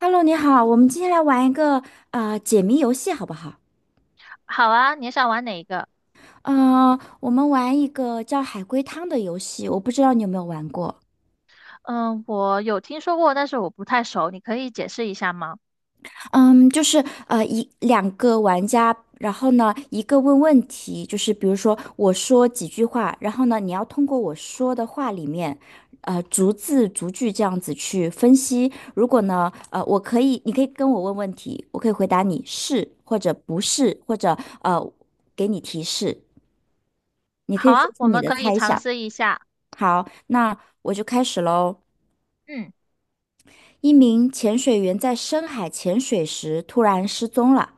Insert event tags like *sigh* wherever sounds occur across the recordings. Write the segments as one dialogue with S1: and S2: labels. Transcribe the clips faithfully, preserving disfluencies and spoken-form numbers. S1: Hello，你好，我们今天来玩一个呃解谜游戏，好不好？
S2: 好啊，你想玩哪一个？
S1: 呃，我们玩一个叫海龟汤的游戏，我不知道你有没有玩过。
S2: 嗯，我有听说过，但是我不太熟，你可以解释一下吗？
S1: 嗯，就是呃一两个玩家，然后呢一个问问题，就是比如说我说几句话，然后呢你要通过我说的话里面，呃逐字逐句这样子去分析。如果呢呃我可以，你可以跟我问问题，我可以回答你是或者不是，或者呃给你提示。你可
S2: 好
S1: 以说
S2: 啊，
S1: 出
S2: 我
S1: 你
S2: 们
S1: 的
S2: 可以
S1: 猜
S2: 尝
S1: 想。
S2: 试一下。
S1: 好，那我就开始喽。
S2: 嗯，
S1: 一名潜水员在深海潜水时突然失踪了，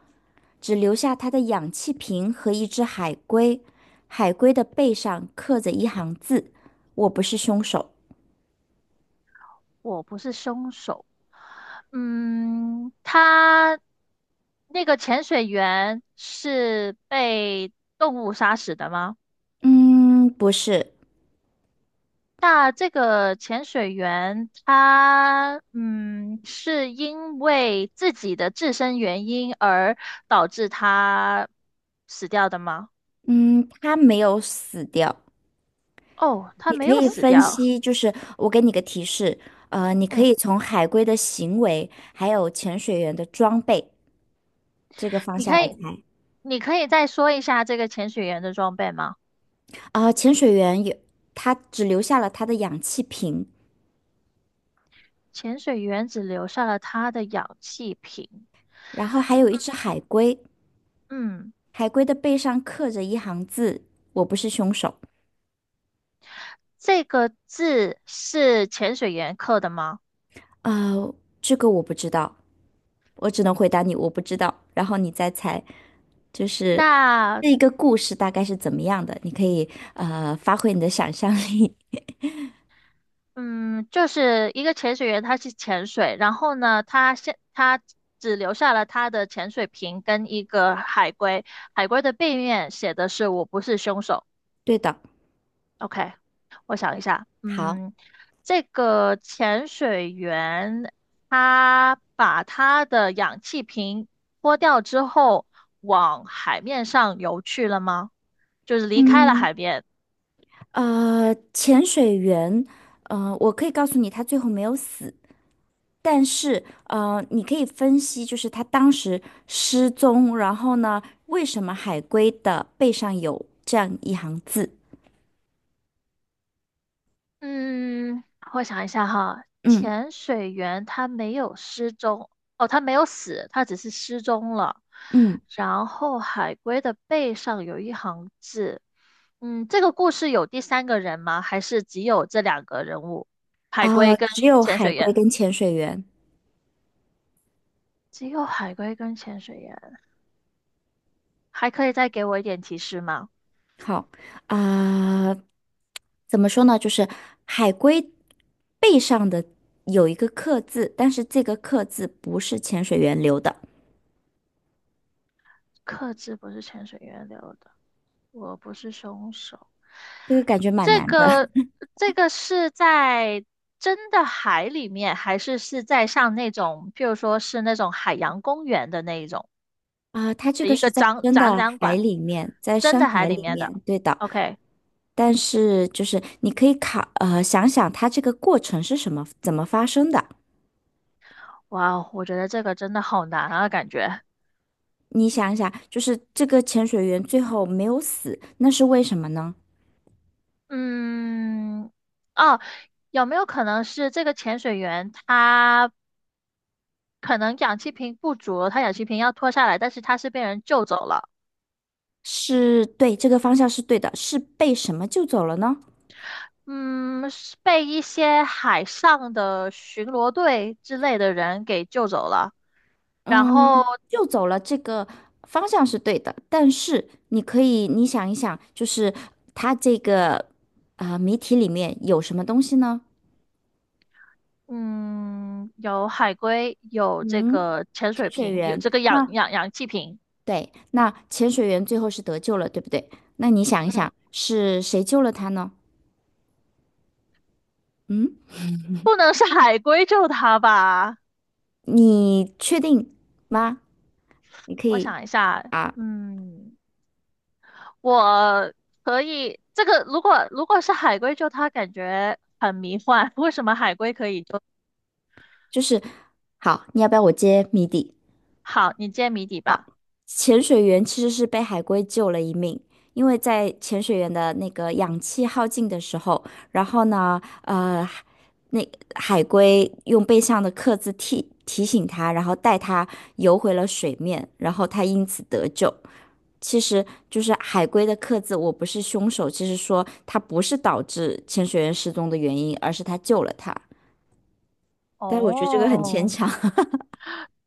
S1: 只留下他的氧气瓶和一只海龟。海龟的背上刻着一行字：“我不是凶手。”
S2: 我不是凶手。嗯，他那个潜水员是被动物杀死的吗？
S1: 嗯，不是。
S2: 那这个潜水员他嗯，是因为自己的自身原因而导致他死掉的吗？
S1: 嗯，他没有死掉。
S2: 哦，他
S1: 你
S2: 没
S1: 可
S2: 有
S1: 以
S2: 死
S1: 分
S2: 掉。
S1: 析，就是我给你个提示，呃，你可
S2: 嗯。
S1: 以从海龟的行为还有潜水员的装备这个方
S2: 你
S1: 向
S2: 可
S1: 来
S2: 以，
S1: 猜。
S2: 你可以再说一下这个潜水员的装备吗？
S1: 啊、潜水员有，他只留下了他的氧气瓶，
S2: 潜水员只留下了他的氧气瓶。
S1: 然后还有一只海龟，
S2: 嗯，
S1: 海龟的背上刻着一行字：“我不是凶手。”
S2: 这个字是潜水员刻的吗？
S1: 呃，这个我不知道，我只能回答你我不知道，然后你再猜，就是
S2: 那，
S1: 这一个故事大概是怎么样的，你可以呃发挥你的想象力。
S2: 嗯，就是一个潜水员，他去潜水，然后呢，他现他只留下了他的潜水瓶跟一个海龟，海龟的背面写的是“我不是凶手”。
S1: *laughs* 对的，
S2: OK，我想一下，
S1: 好。
S2: 嗯，这个潜水员他把他的氧气瓶脱掉之后，往海面上游去了吗？就是离开了
S1: 嗯，
S2: 海边。
S1: 呃，潜水员，呃，我可以告诉你，他最后没有死，但是，呃，你可以分析，就是他当时失踪，然后呢，为什么海龟的背上有这样一行字？
S2: 嗯，我想一下哈，
S1: 嗯
S2: 潜水员他没有失踪，哦，他没有死，他只是失踪了。
S1: 嗯。
S2: 然后海龟的背上有一行字，嗯，这个故事有第三个人吗？还是只有这两个人物，海
S1: 啊、
S2: 龟跟
S1: 只有
S2: 潜
S1: 海
S2: 水
S1: 龟
S2: 员？
S1: 跟潜水员。
S2: 只有海龟跟潜水员，还可以再给我一点提示吗？
S1: 好，啊、怎么说呢？就是海龟背上的有一个刻字，但是这个刻字不是潜水员留的，
S2: 克制不是潜水员留的，我不是凶手。
S1: 这个感觉蛮
S2: 这
S1: 难的。
S2: 个这个是在真的海里面，还是是在上那种，譬如说是那种海洋公园的那一种
S1: 啊，它这
S2: 的
S1: 个
S2: 一
S1: 是
S2: 个
S1: 在
S2: 展
S1: 真
S2: 展
S1: 的
S2: 览
S1: 海
S2: 馆，
S1: 里面，在
S2: 真
S1: 深
S2: 的海
S1: 海
S2: 里
S1: 里
S2: 面的。
S1: 面，对的。
S2: OK，
S1: 但是就是你可以考，呃，想想它这个过程是什么，怎么发生的？
S2: 哇哦我觉得这个真的好难啊，感觉。
S1: 你想一想，就是这个潜水员最后没有死，那是为什么呢？
S2: 嗯，哦，有没有可能是这个潜水员他可能氧气瓶不足，他氧气瓶要脱下来，但是他是被人救走了？
S1: 是对，这个方向是对的，是被什么救走了呢？
S2: 嗯，是被一些海上的巡逻队之类的人给救走了。然后，
S1: 嗯，救走了这个方向是对的，但是你可以，你想一想，就是它这个啊、呃谜题里面有什么东西呢？
S2: 嗯，有海龟，有这
S1: 嗯。
S2: 个潜水瓶，有这个氧
S1: 那
S2: 氧氧气瓶。
S1: 对，那潜水员最后是得救了，对不对？那你想一
S2: 嗯，
S1: 想，是谁救了他呢？嗯，
S2: 不能是海龟救他吧？
S1: 你确定吗？你可
S2: 我
S1: 以
S2: 想一下，
S1: 啊，
S2: 嗯，我可以，这个如果如果是海龟救他，感觉很迷幻。为什么海龟可以救？
S1: 就是好，你要不要我揭谜底？
S2: 好，你揭谜底
S1: 好，
S2: 吧。
S1: 潜水员其实是被海龟救了一命，因为在潜水员的那个氧气耗尽的时候，然后呢，呃，那海龟用背上的刻字提提醒他，然后带他游回了水面，然后他因此得救。其实就是海龟的刻字，我不是凶手。其实说他不是导致潜水员失踪的原因，而是他救了他。但是我觉得这个很牵
S2: 哦。
S1: 强，*laughs*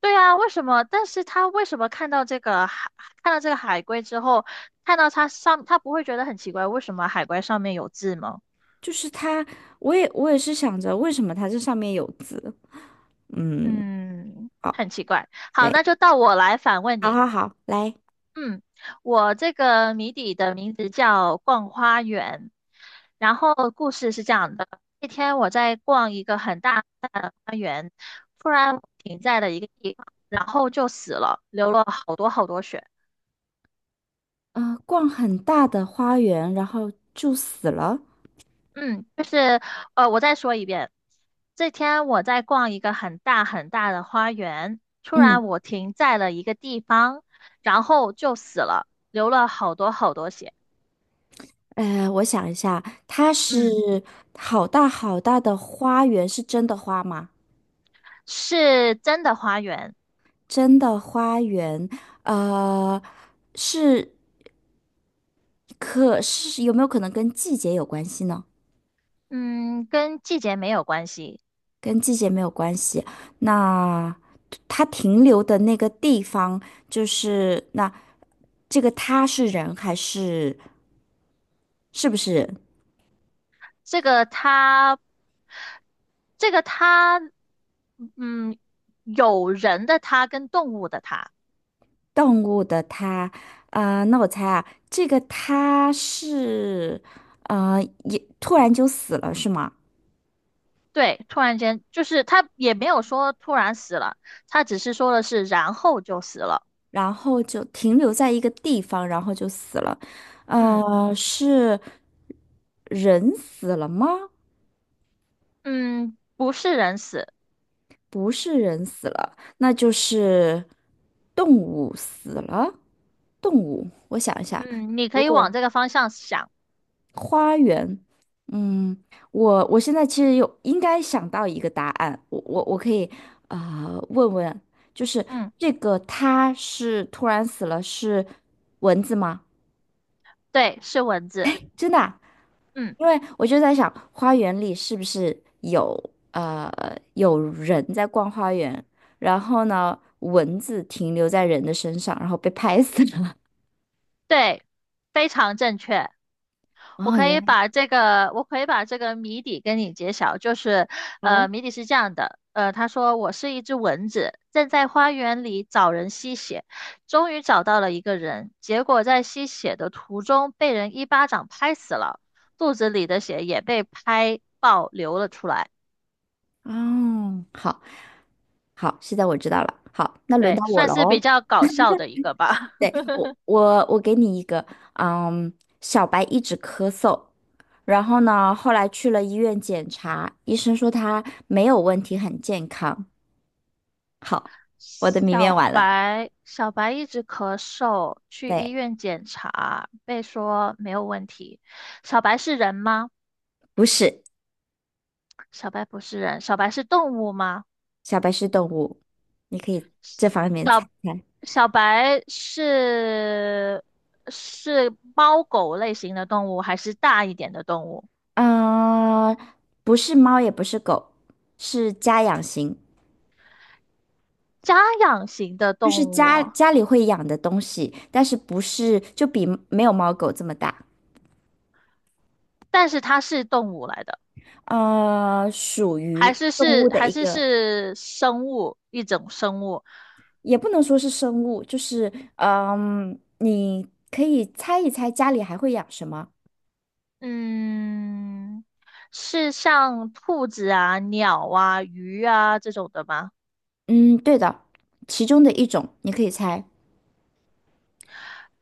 S2: 对啊，为什么？但是他为什么看到这个海，看到这个海龟之后，看到它上，他不会觉得很奇怪，为什么海龟上面有字吗？
S1: 就是他，我也我也是想着为什么他这上面有字。嗯，
S2: 嗯，
S1: 好，
S2: 很奇怪。好，
S1: 对，
S2: 那就到我来反问
S1: 好
S2: 你。
S1: 好好，来，
S2: 嗯，我这个谜底的名字叫《逛花园》，然后故事是这样的：那天我在逛一个很大的花园，突然停在了一个地方，然后就死了，流了好多好多血。
S1: 呃，逛很大的花园，然后就死了。
S2: 嗯，就是呃，我再说一遍。这天我在逛一个很大很大的花园，突
S1: 嗯，
S2: 然我停在了一个地方，然后就死了，流了好多好多血。
S1: 呃，我想一下，它是
S2: 嗯，
S1: 好大好大的花园，是真的花吗？
S2: 是真的花园，
S1: 真的花园，呃，是可是有没有可能跟季节有关系呢？
S2: 嗯，跟季节没有关系。
S1: 跟季节没有关系。那它停留的那个地方，就是那这个它是人还是是不是
S2: 这个它，这个它，嗯，有人的它跟动物的它。
S1: 动物的它？啊、那我猜啊，这个它是呃也突然就死了是吗？
S2: 对，突然间就是他也没有说突然死了，他只是说的是然后就死了。
S1: 然后就停留在一个地方，然后就死了。
S2: 嗯，
S1: 呃，是人死了吗？
S2: 嗯，不是人死。
S1: 不是人死了，那就是动物死了。动物，我想一下，
S2: 嗯，你可
S1: 如
S2: 以
S1: 果
S2: 往这个方向想。
S1: 嗯，我我现在其实有应该想到一个答案，我我我可以呃问问，就是
S2: 嗯，
S1: 这个它是突然死了是蚊子吗？
S2: 对，是蚊子。
S1: 真的啊
S2: 嗯，
S1: 因为我就在想，花园里是不是有呃有人在逛花园，然后呢，蚊子停留在人的身上，然后被拍死了。
S2: 对，非常正确。
S1: *laughs*
S2: 我
S1: 哦，
S2: 可
S1: 原
S2: 以
S1: 来。
S2: 把这个，我可以把这个谜底跟你揭晓，就是，
S1: 哦
S2: 呃，谜底是这样的，呃，他说我是一只蚊子，正在花园里找人吸血，终于找到了一个人，结果在吸血的途中被人一巴掌拍死了，肚子里的血也被拍爆流了出来，
S1: 哦，好好，现在我知道了。好，那轮
S2: 对，
S1: 到我
S2: 算
S1: 了
S2: 是比
S1: 哦。
S2: 较搞笑的一个吧。
S1: 对，
S2: *laughs*
S1: 我我我给你一个，嗯，小白一直咳嗽，然后呢，后来去了医院检查，医生说他没有问题，很健康。好，我的谜面
S2: 小
S1: 完了。
S2: 白，小白一直咳嗽，去医
S1: 对，
S2: 院检查，被说没有问题。小白是人吗？
S1: 不是。
S2: 小白不是人，小白是动物吗？
S1: 小白是动物，你可以这方面猜
S2: 小
S1: 猜。
S2: 小白是是猫狗类型的动物，还是大一点的动物？
S1: 嗯、不是猫，也不是狗，是家养型，
S2: 家养型的
S1: 就是
S2: 动物，
S1: 家家里会养的东西，但是不是就比没有猫狗这么大。
S2: 但是它是动物来的，
S1: 呃，属
S2: 还
S1: 于
S2: 是
S1: 动
S2: 是
S1: 物的
S2: 还
S1: 一
S2: 是
S1: 个，
S2: 是生物，一种生物。
S1: 也不能说是生物，就是嗯、你可以猜一猜家里还会养什么？
S2: 嗯，是像兔子啊、鸟啊、鱼啊这种的吗？
S1: 嗯，对的，其中的一种你可以猜。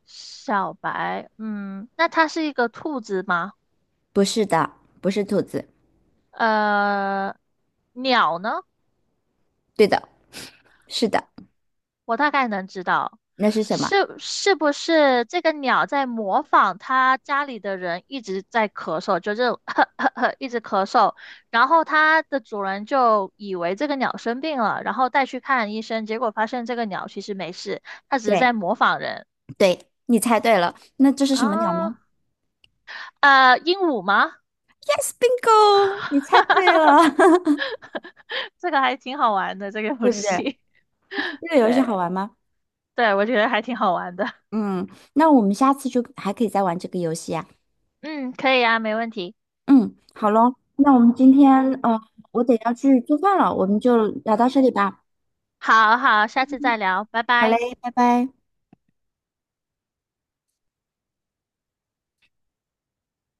S2: 小白，嗯，那它是一个兔子吗？
S1: 不是的，不是兔子。
S2: 呃，鸟呢？
S1: 对的，是的，
S2: 我大概能知道，
S1: 那是什么？
S2: 是是不是这个鸟在模仿它家里的人一直在咳嗽，就这种 *laughs* 呵呵呵一直咳嗽，然后它的主人就以为这个鸟生病了，然后带去看医生，结果发现这个鸟其实没事，它只是
S1: 对
S2: 在模仿人
S1: 对，你猜对了，那这是什么鸟呢
S2: 啊。呃，鹦鹉吗？
S1: ？Yes, bingo，你猜对
S2: *laughs*
S1: 了，
S2: 这个还挺好玩的，这个
S1: *laughs*
S2: 游
S1: 对不对？
S2: 戏。*laughs*
S1: 这个游戏
S2: 对，
S1: 好玩吗？
S2: 对，我觉得还挺好玩的。*laughs*
S1: 嗯，那我们下次就还可以再玩这个游戏啊。
S2: 嗯，可以啊，没问题。
S1: 嗯，好喽，那我们今天呃，我得要去做饭了，我们就聊到这里吧。
S2: 好好，下次再聊，拜
S1: 好嘞，
S2: 拜。
S1: 拜拜。